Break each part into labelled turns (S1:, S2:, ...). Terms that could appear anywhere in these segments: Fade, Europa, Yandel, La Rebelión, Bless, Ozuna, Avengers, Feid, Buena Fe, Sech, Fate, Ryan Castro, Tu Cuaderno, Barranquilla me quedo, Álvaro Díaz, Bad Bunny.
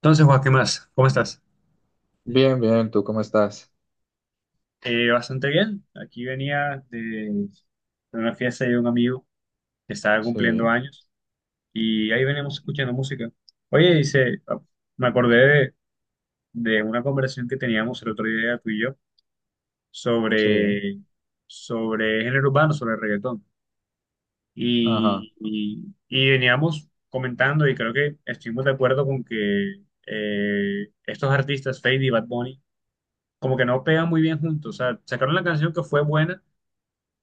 S1: Entonces, Juan, ¿qué más? ¿Cómo estás?
S2: Bien, bien, ¿tú cómo estás?
S1: Bastante bien. Aquí venía de una fiesta de un amigo que estaba cumpliendo
S2: Sí,
S1: años y ahí veníamos escuchando música. Oye, dice, me acordé de una conversación que teníamos el otro día tú y yo
S2: sí,
S1: sobre, sobre género urbano, sobre reggaetón.
S2: ajá,
S1: Y veníamos comentando y creo que estuvimos de acuerdo con que estos artistas, Feid y Bad Bunny, como que no pegan muy bien juntos. O sea, sacaron la canción que fue buena,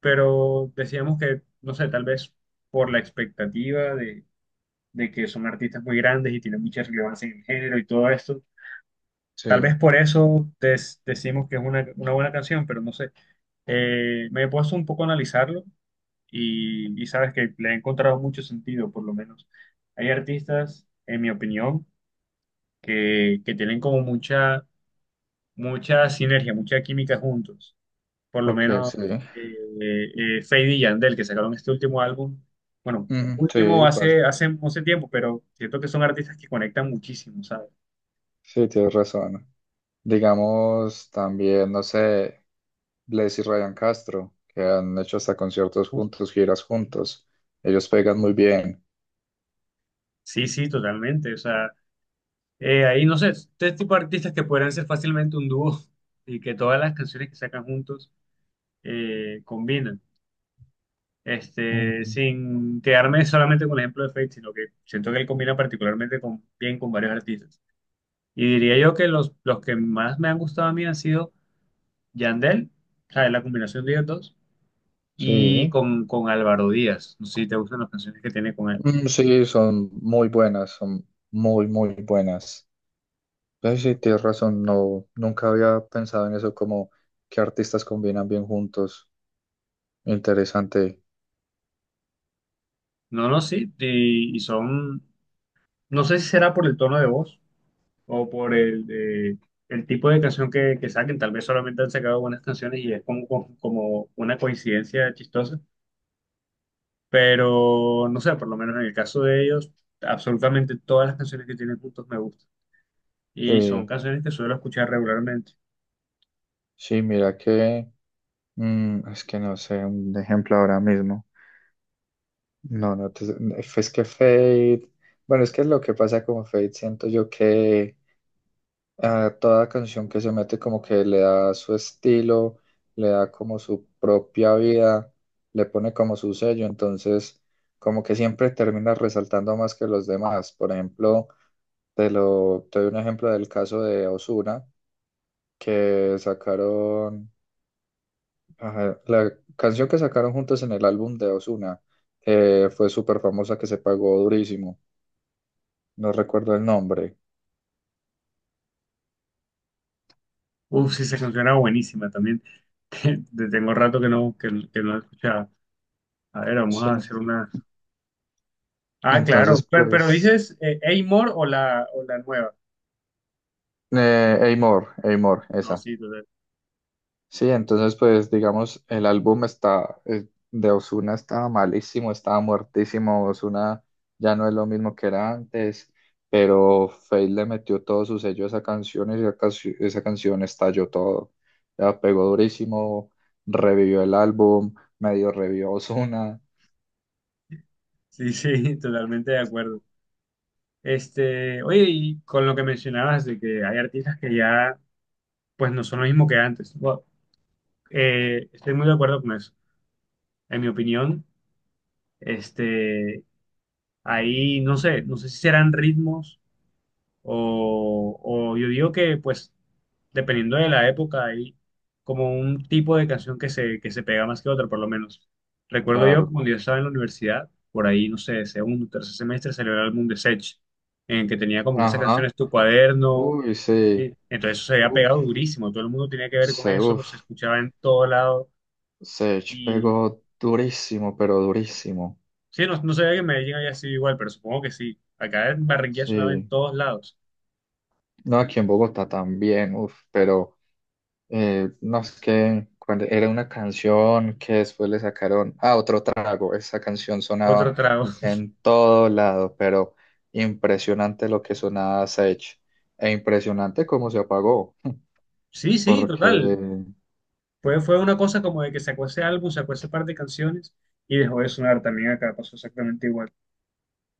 S1: pero decíamos que, no sé, tal vez por la expectativa de, que son artistas muy grandes y tienen mucha relevancia en el género y todo esto, tal vez
S2: sí,
S1: por eso decimos que es una buena canción, pero no sé. Me he puesto un poco a analizarlo y sabes que le he encontrado mucho sentido, por lo menos. Hay artistas, en mi opinión, que tienen como mucha sinergia, mucha química juntos, por lo
S2: ok,
S1: menos
S2: sí.
S1: eh, Feid y Yandel, que sacaron este último álbum. Bueno,
S2: Ujú,
S1: último
S2: sí, pues,
S1: hace tiempo, pero siento que son artistas que conectan muchísimo, ¿sabes?
S2: sí, tienes razón. Digamos, también, no sé, Bless y Ryan Castro, que han hecho hasta conciertos
S1: Uf,
S2: juntos, giras juntos. Ellos pegan muy bien.
S1: sí, sí, totalmente. O sea, ahí no sé, este tipo de artistas que podrían ser fácilmente un dúo y que todas las canciones que sacan juntos combinan. Este,
S2: Mm,
S1: sin quedarme solamente con el ejemplo de Feid, sino que siento que él combina particularmente con, bien con varios artistas. Y diría yo que los que más me han gustado a mí han sido Yandel, o sea, es la combinación de ellos dos, y
S2: sí.
S1: con Álvaro Díaz. No sé si te gustan las canciones que tiene con él.
S2: Mm, sí, son muy buenas, son muy, muy buenas. Pues sí, tienes razón, nunca había pensado en eso, como qué artistas combinan bien juntos. Interesante.
S1: No, no, sí, y son, no sé si será por el tono de voz o por el tipo de canción que saquen. Tal vez solamente han sacado buenas canciones y es como una coincidencia chistosa, pero no sé, por lo menos en el caso de ellos, absolutamente todas las canciones que tienen juntos me gustan. Y son
S2: Sí,
S1: canciones que suelo escuchar regularmente.
S2: sí, mira que es que no sé un ejemplo ahora mismo. No, no, te- Es que Fade, bueno, es que es lo que pasa con Fade, siento yo que a toda canción que se mete como que le da su estilo, le da como su propia vida, le pone como su sello, entonces como que siempre termina resaltando más que los demás. Por ejemplo, te doy un ejemplo del caso de Ozuna, que sacaron, ajá, la canción que sacaron juntos en el álbum de Ozuna, que fue súper famosa, que se pagó durísimo, no recuerdo el nombre.
S1: Uf, sí, esa canción era buenísima también. Te- te Tengo rato que no, que no la escuchaba. A ver, vamos
S2: Sí.
S1: a hacer una. Ah,
S2: Entonces,
S1: claro. Pero
S2: pues,
S1: dices Amor o la, nueva.
S2: Amor, Amor,
S1: No,
S2: esa.
S1: sí, total.
S2: Sí, entonces pues digamos, el álbum está, de Ozuna estaba malísimo, estaba muertísimo. Ozuna ya no es lo mismo que era antes, pero Feid le metió todo su sello a esa canción y esa canción estalló todo, ya pegó durísimo, revivió el álbum, medio revivió a Ozuna,
S1: Sí, sí, totalmente de acuerdo. Este, oye, y con lo que mencionabas de que hay artistas que ya, pues no son lo mismo que antes. Bueno, estoy muy de acuerdo con eso. En mi opinión, este, ahí, no sé si serán ritmos. O yo digo que, pues, dependiendo de la época, hay como un tipo de canción que se pega más que otra, por lo menos. Recuerdo yo
S2: claro,
S1: cuando yo estaba en la universidad, por ahí, no sé, segundo, tercer semestre, salió el álbum de Sech, en que tenía como que esas
S2: ajá,
S1: canciones, Tu Cuaderno.
S2: uy, sí,
S1: Sí. Entonces eso se había
S2: uff,
S1: pegado durísimo, todo el mundo tenía que ver con
S2: se,
S1: eso, se
S2: uff,
S1: escuchaba en todo lado
S2: Sech
S1: y
S2: pegó durísimo, pero durísimo,
S1: sí, no sabía que en Medellín había sido igual, pero supongo que sí. Acá en Barranquilla sonaba en
S2: sí.
S1: todos lados.
S2: No, aquí en Bogotá también, uf, pero no, es que cuando era una canción que después le sacaron, ah, otro trago, esa canción sonaba
S1: Otro trago.
S2: en todo lado, pero impresionante lo que sonaba Sech e impresionante cómo se apagó,
S1: Sí, sí,
S2: porque
S1: total. Fue una cosa como de que sacó ese álbum, sacó ese par de canciones y dejó de sonar también acá, pasó exactamente igual.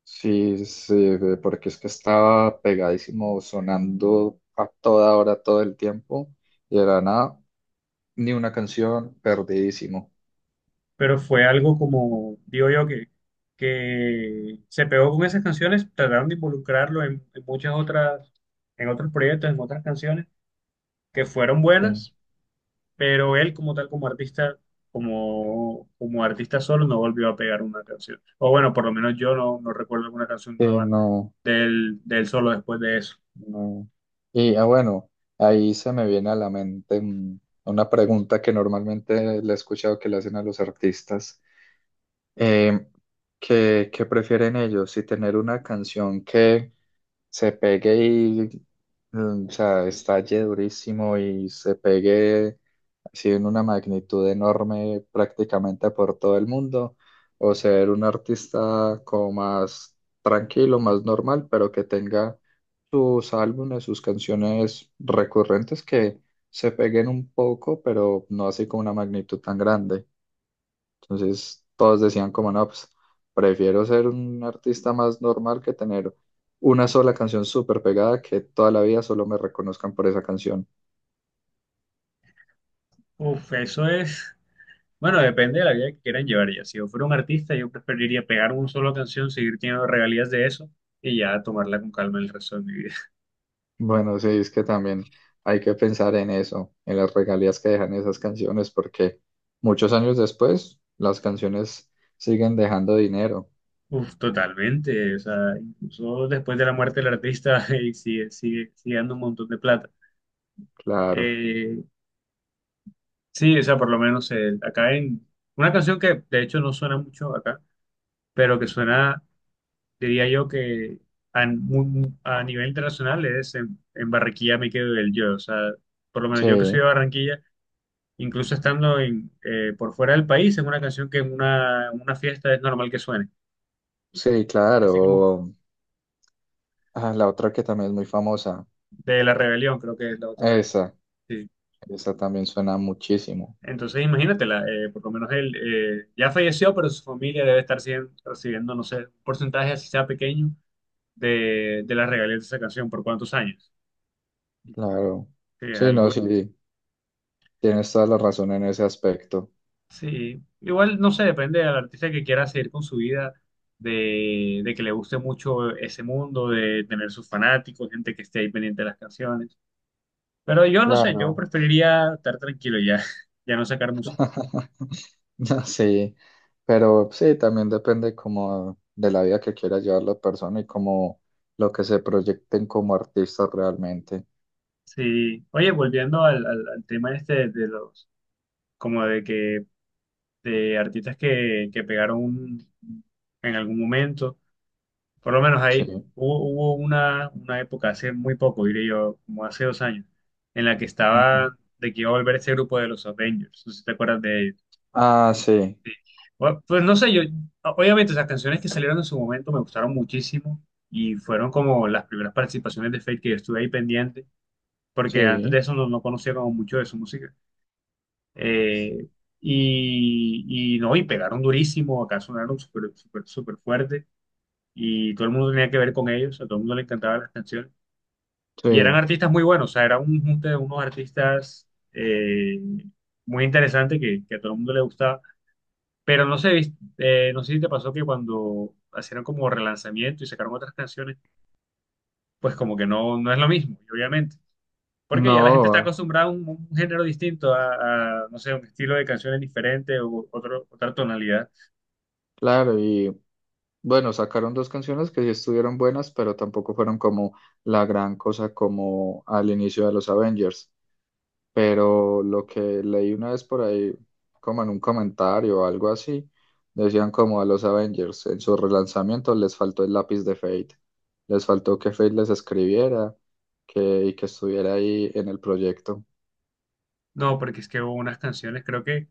S2: sí, sí, porque es que estaba pegadísimo sonando a toda hora, todo el tiempo, y era nada, ni una canción, perdidísimo.
S1: Pero fue algo como, digo yo, que se pegó con esas canciones, trataron de involucrarlo en, muchas otras, en otros proyectos, en otras canciones que fueron
S2: Sí,
S1: buenas, pero él como tal, como artista, como artista solo, no volvió a pegar una canción. O bueno, por lo menos yo no recuerdo alguna canción
S2: sí,
S1: nueva
S2: no.
S1: del, solo después de eso.
S2: No. Y ah, bueno, ahí se me viene a la mente, una pregunta que normalmente le he escuchado que le hacen a los artistas. Eh, ¿qué, qué prefieren ellos? Si tener una canción que se pegue y, mm, o sea, estalle durísimo y se pegue, sí, en una magnitud enorme prácticamente por todo el mundo, o ser un artista como más tranquilo, más normal, pero que tenga sus álbumes, sus canciones recurrentes que se peguen un poco, pero no así con una magnitud tan grande. Entonces todos decían como, no, pues prefiero ser un artista más normal que tener una sola canción súper pegada que toda la vida solo me reconozcan por esa canción.
S1: Uf, eso es. Bueno, depende de la vida que quieran llevar ya. Si yo fuera un artista, yo preferiría pegar una sola canción, seguir teniendo regalías de eso y ya tomarla con calma el resto de mi vida.
S2: Bueno, sí, es que también hay que pensar en eso, en las regalías que dejan esas canciones, porque muchos años después las canciones siguen dejando dinero.
S1: Uf, totalmente. O sea, incluso después de la muerte del artista y sigue dando un montón de plata.
S2: Claro,
S1: Eh, sí, o sea, por lo menos acá en una canción que de hecho no suena mucho acá, pero que suena, diría yo que a nivel internacional es en, Barranquilla me quedo del yo. O sea, por lo menos yo que soy de
S2: sí,
S1: Barranquilla incluso estando en, por fuera del país, es una canción que en en una fiesta es normal que suene.
S2: sí,
S1: Así como
S2: claro. Ah, la otra que también es muy famosa,
S1: de La Rebelión, creo que es la otra.
S2: esa,
S1: Sí.
S2: esa también suena muchísimo.
S1: Entonces, imagínatela, por lo menos él ya falleció, pero su familia debe estar recibiendo, no sé, un porcentaje, así sea pequeño, de, las regalías de esa canción, por cuántos años.
S2: Claro,
S1: Sí, es
S2: sí, no,
S1: algo.
S2: sí, tienes toda la razón en ese aspecto.
S1: Sí, igual no sé, depende del artista que quiera seguir con su vida, de, que le guste mucho ese mundo, de tener sus fanáticos, gente que esté ahí pendiente de las canciones. Pero yo no sé, yo
S2: Claro.
S1: preferiría estar tranquilo ya, ya no sacar música.
S2: Ya, sí, pero sí, también depende como de la vida que quiera llevar la persona y como lo que se proyecten como artistas realmente.
S1: Sí, oye, volviendo al tema este de los, como de que, de artistas que pegaron en algún momento, por lo menos
S2: Sí.
S1: ahí hubo, una, época, hace muy poco, diré yo, como hace 2 años, en la que
S2: Ujú.
S1: estaba de que iba a volver ese grupo de los Avengers, no sé si te acuerdas de ellos.
S2: Ah, sí,
S1: Bueno, pues no sé, yo, obviamente, las canciones que salieron en su momento me gustaron muchísimo y fueron como las primeras participaciones de Fate que yo estuve ahí pendiente, porque antes de
S2: sí,
S1: eso no conocía como mucho de su música. Eh, y no, y pegaron durísimo, acá sonaron súper, súper, súper fuerte y todo el mundo tenía que ver con ellos, a todo el mundo le encantaban las canciones. Y eran
S2: sí.
S1: artistas muy buenos, o sea, era un junte de unos artistas muy interesantes que a todo el mundo le gustaba. Pero no sé, no sé si te pasó que cuando hicieron como relanzamiento y sacaron otras canciones, pues como que no es lo mismo, y obviamente. Porque ya la gente está
S2: No,
S1: acostumbrada a un género distinto, a, no sé, un estilo de canciones diferente o otra tonalidad.
S2: claro, y bueno, sacaron dos canciones que sí estuvieron buenas, pero tampoco fueron como la gran cosa como al inicio de los Avengers. Pero lo que leí una vez por ahí, como en un comentario o algo así, decían como a los Avengers, en sus relanzamientos les faltó el lápiz de Fate, les faltó que Fate les escribiera, y que estuviera ahí en el proyecto.
S1: No, porque es que hubo unas canciones, creo que,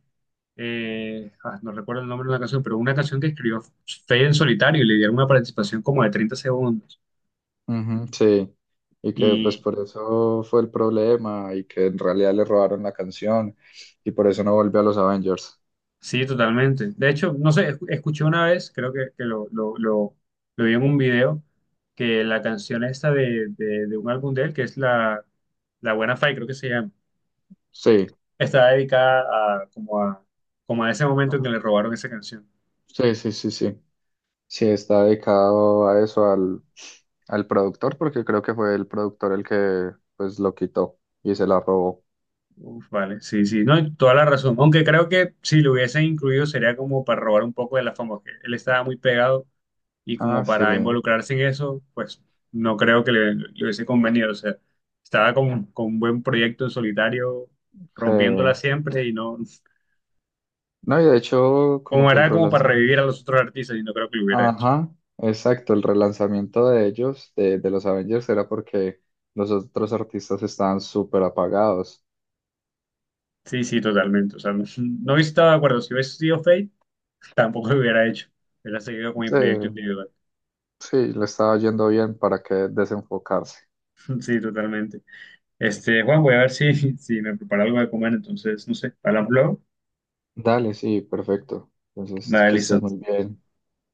S1: no recuerdo el nombre de una canción, pero una canción que escribió Fade en solitario y le dieron una participación como de 30 segundos.
S2: Ujú, sí, y que pues por eso fue el problema y que en realidad le robaron la canción y por eso no volvió a los Avengers.
S1: Sí, totalmente. De hecho, no sé, escuché una vez, creo que lo vi en un video, que la canción esta de, un álbum de él, que es la Buena Fe, creo que se llama,
S2: Sí,
S1: está dedicada a como a ese momento en que le robaron esa canción.
S2: sí, sí, sí, sí. Sí, está dedicado a eso, al productor, porque creo que fue el productor el que pues lo quitó y se la robó.
S1: Uf, vale, sí, sí, no, y toda la razón. Aunque creo que si lo hubiesen incluido sería como para robar un poco de la fama, que él estaba muy pegado y
S2: Ah,
S1: como
S2: sí,
S1: para involucrarse en eso, pues no creo que le hubiese convenido. O sea, estaba con un buen proyecto en solitario, rompiéndola
S2: sí.
S1: siempre y no,
S2: No, y de hecho, como
S1: como
S2: que el
S1: era como para revivir
S2: relanzamiento.
S1: a los otros artistas y no creo que lo hubiera hecho.
S2: Ajá, exacto, el relanzamiento de ellos, de los Avengers, era porque los otros artistas estaban súper apagados.
S1: Sí, sí, totalmente. O sea, no, no hubiese estado de acuerdo. Si hubiese sido Fate, tampoco lo hubiera hecho. Hubiera seguido con mi
S2: Sí,
S1: proyecto individual.
S2: sí, le estaba yendo bien para que desenfocarse.
S1: Sí, totalmente. Este, Juan, voy a ver si, si me preparo algo de comer. Entonces, no sé, hablamos luego.
S2: Dale, sí, perfecto. Entonces,
S1: Dale,
S2: que
S1: listo.
S2: estés muy bien.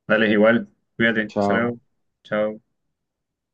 S1: Dale, igual. Cuídate. Hasta
S2: Chao.
S1: luego. Chao.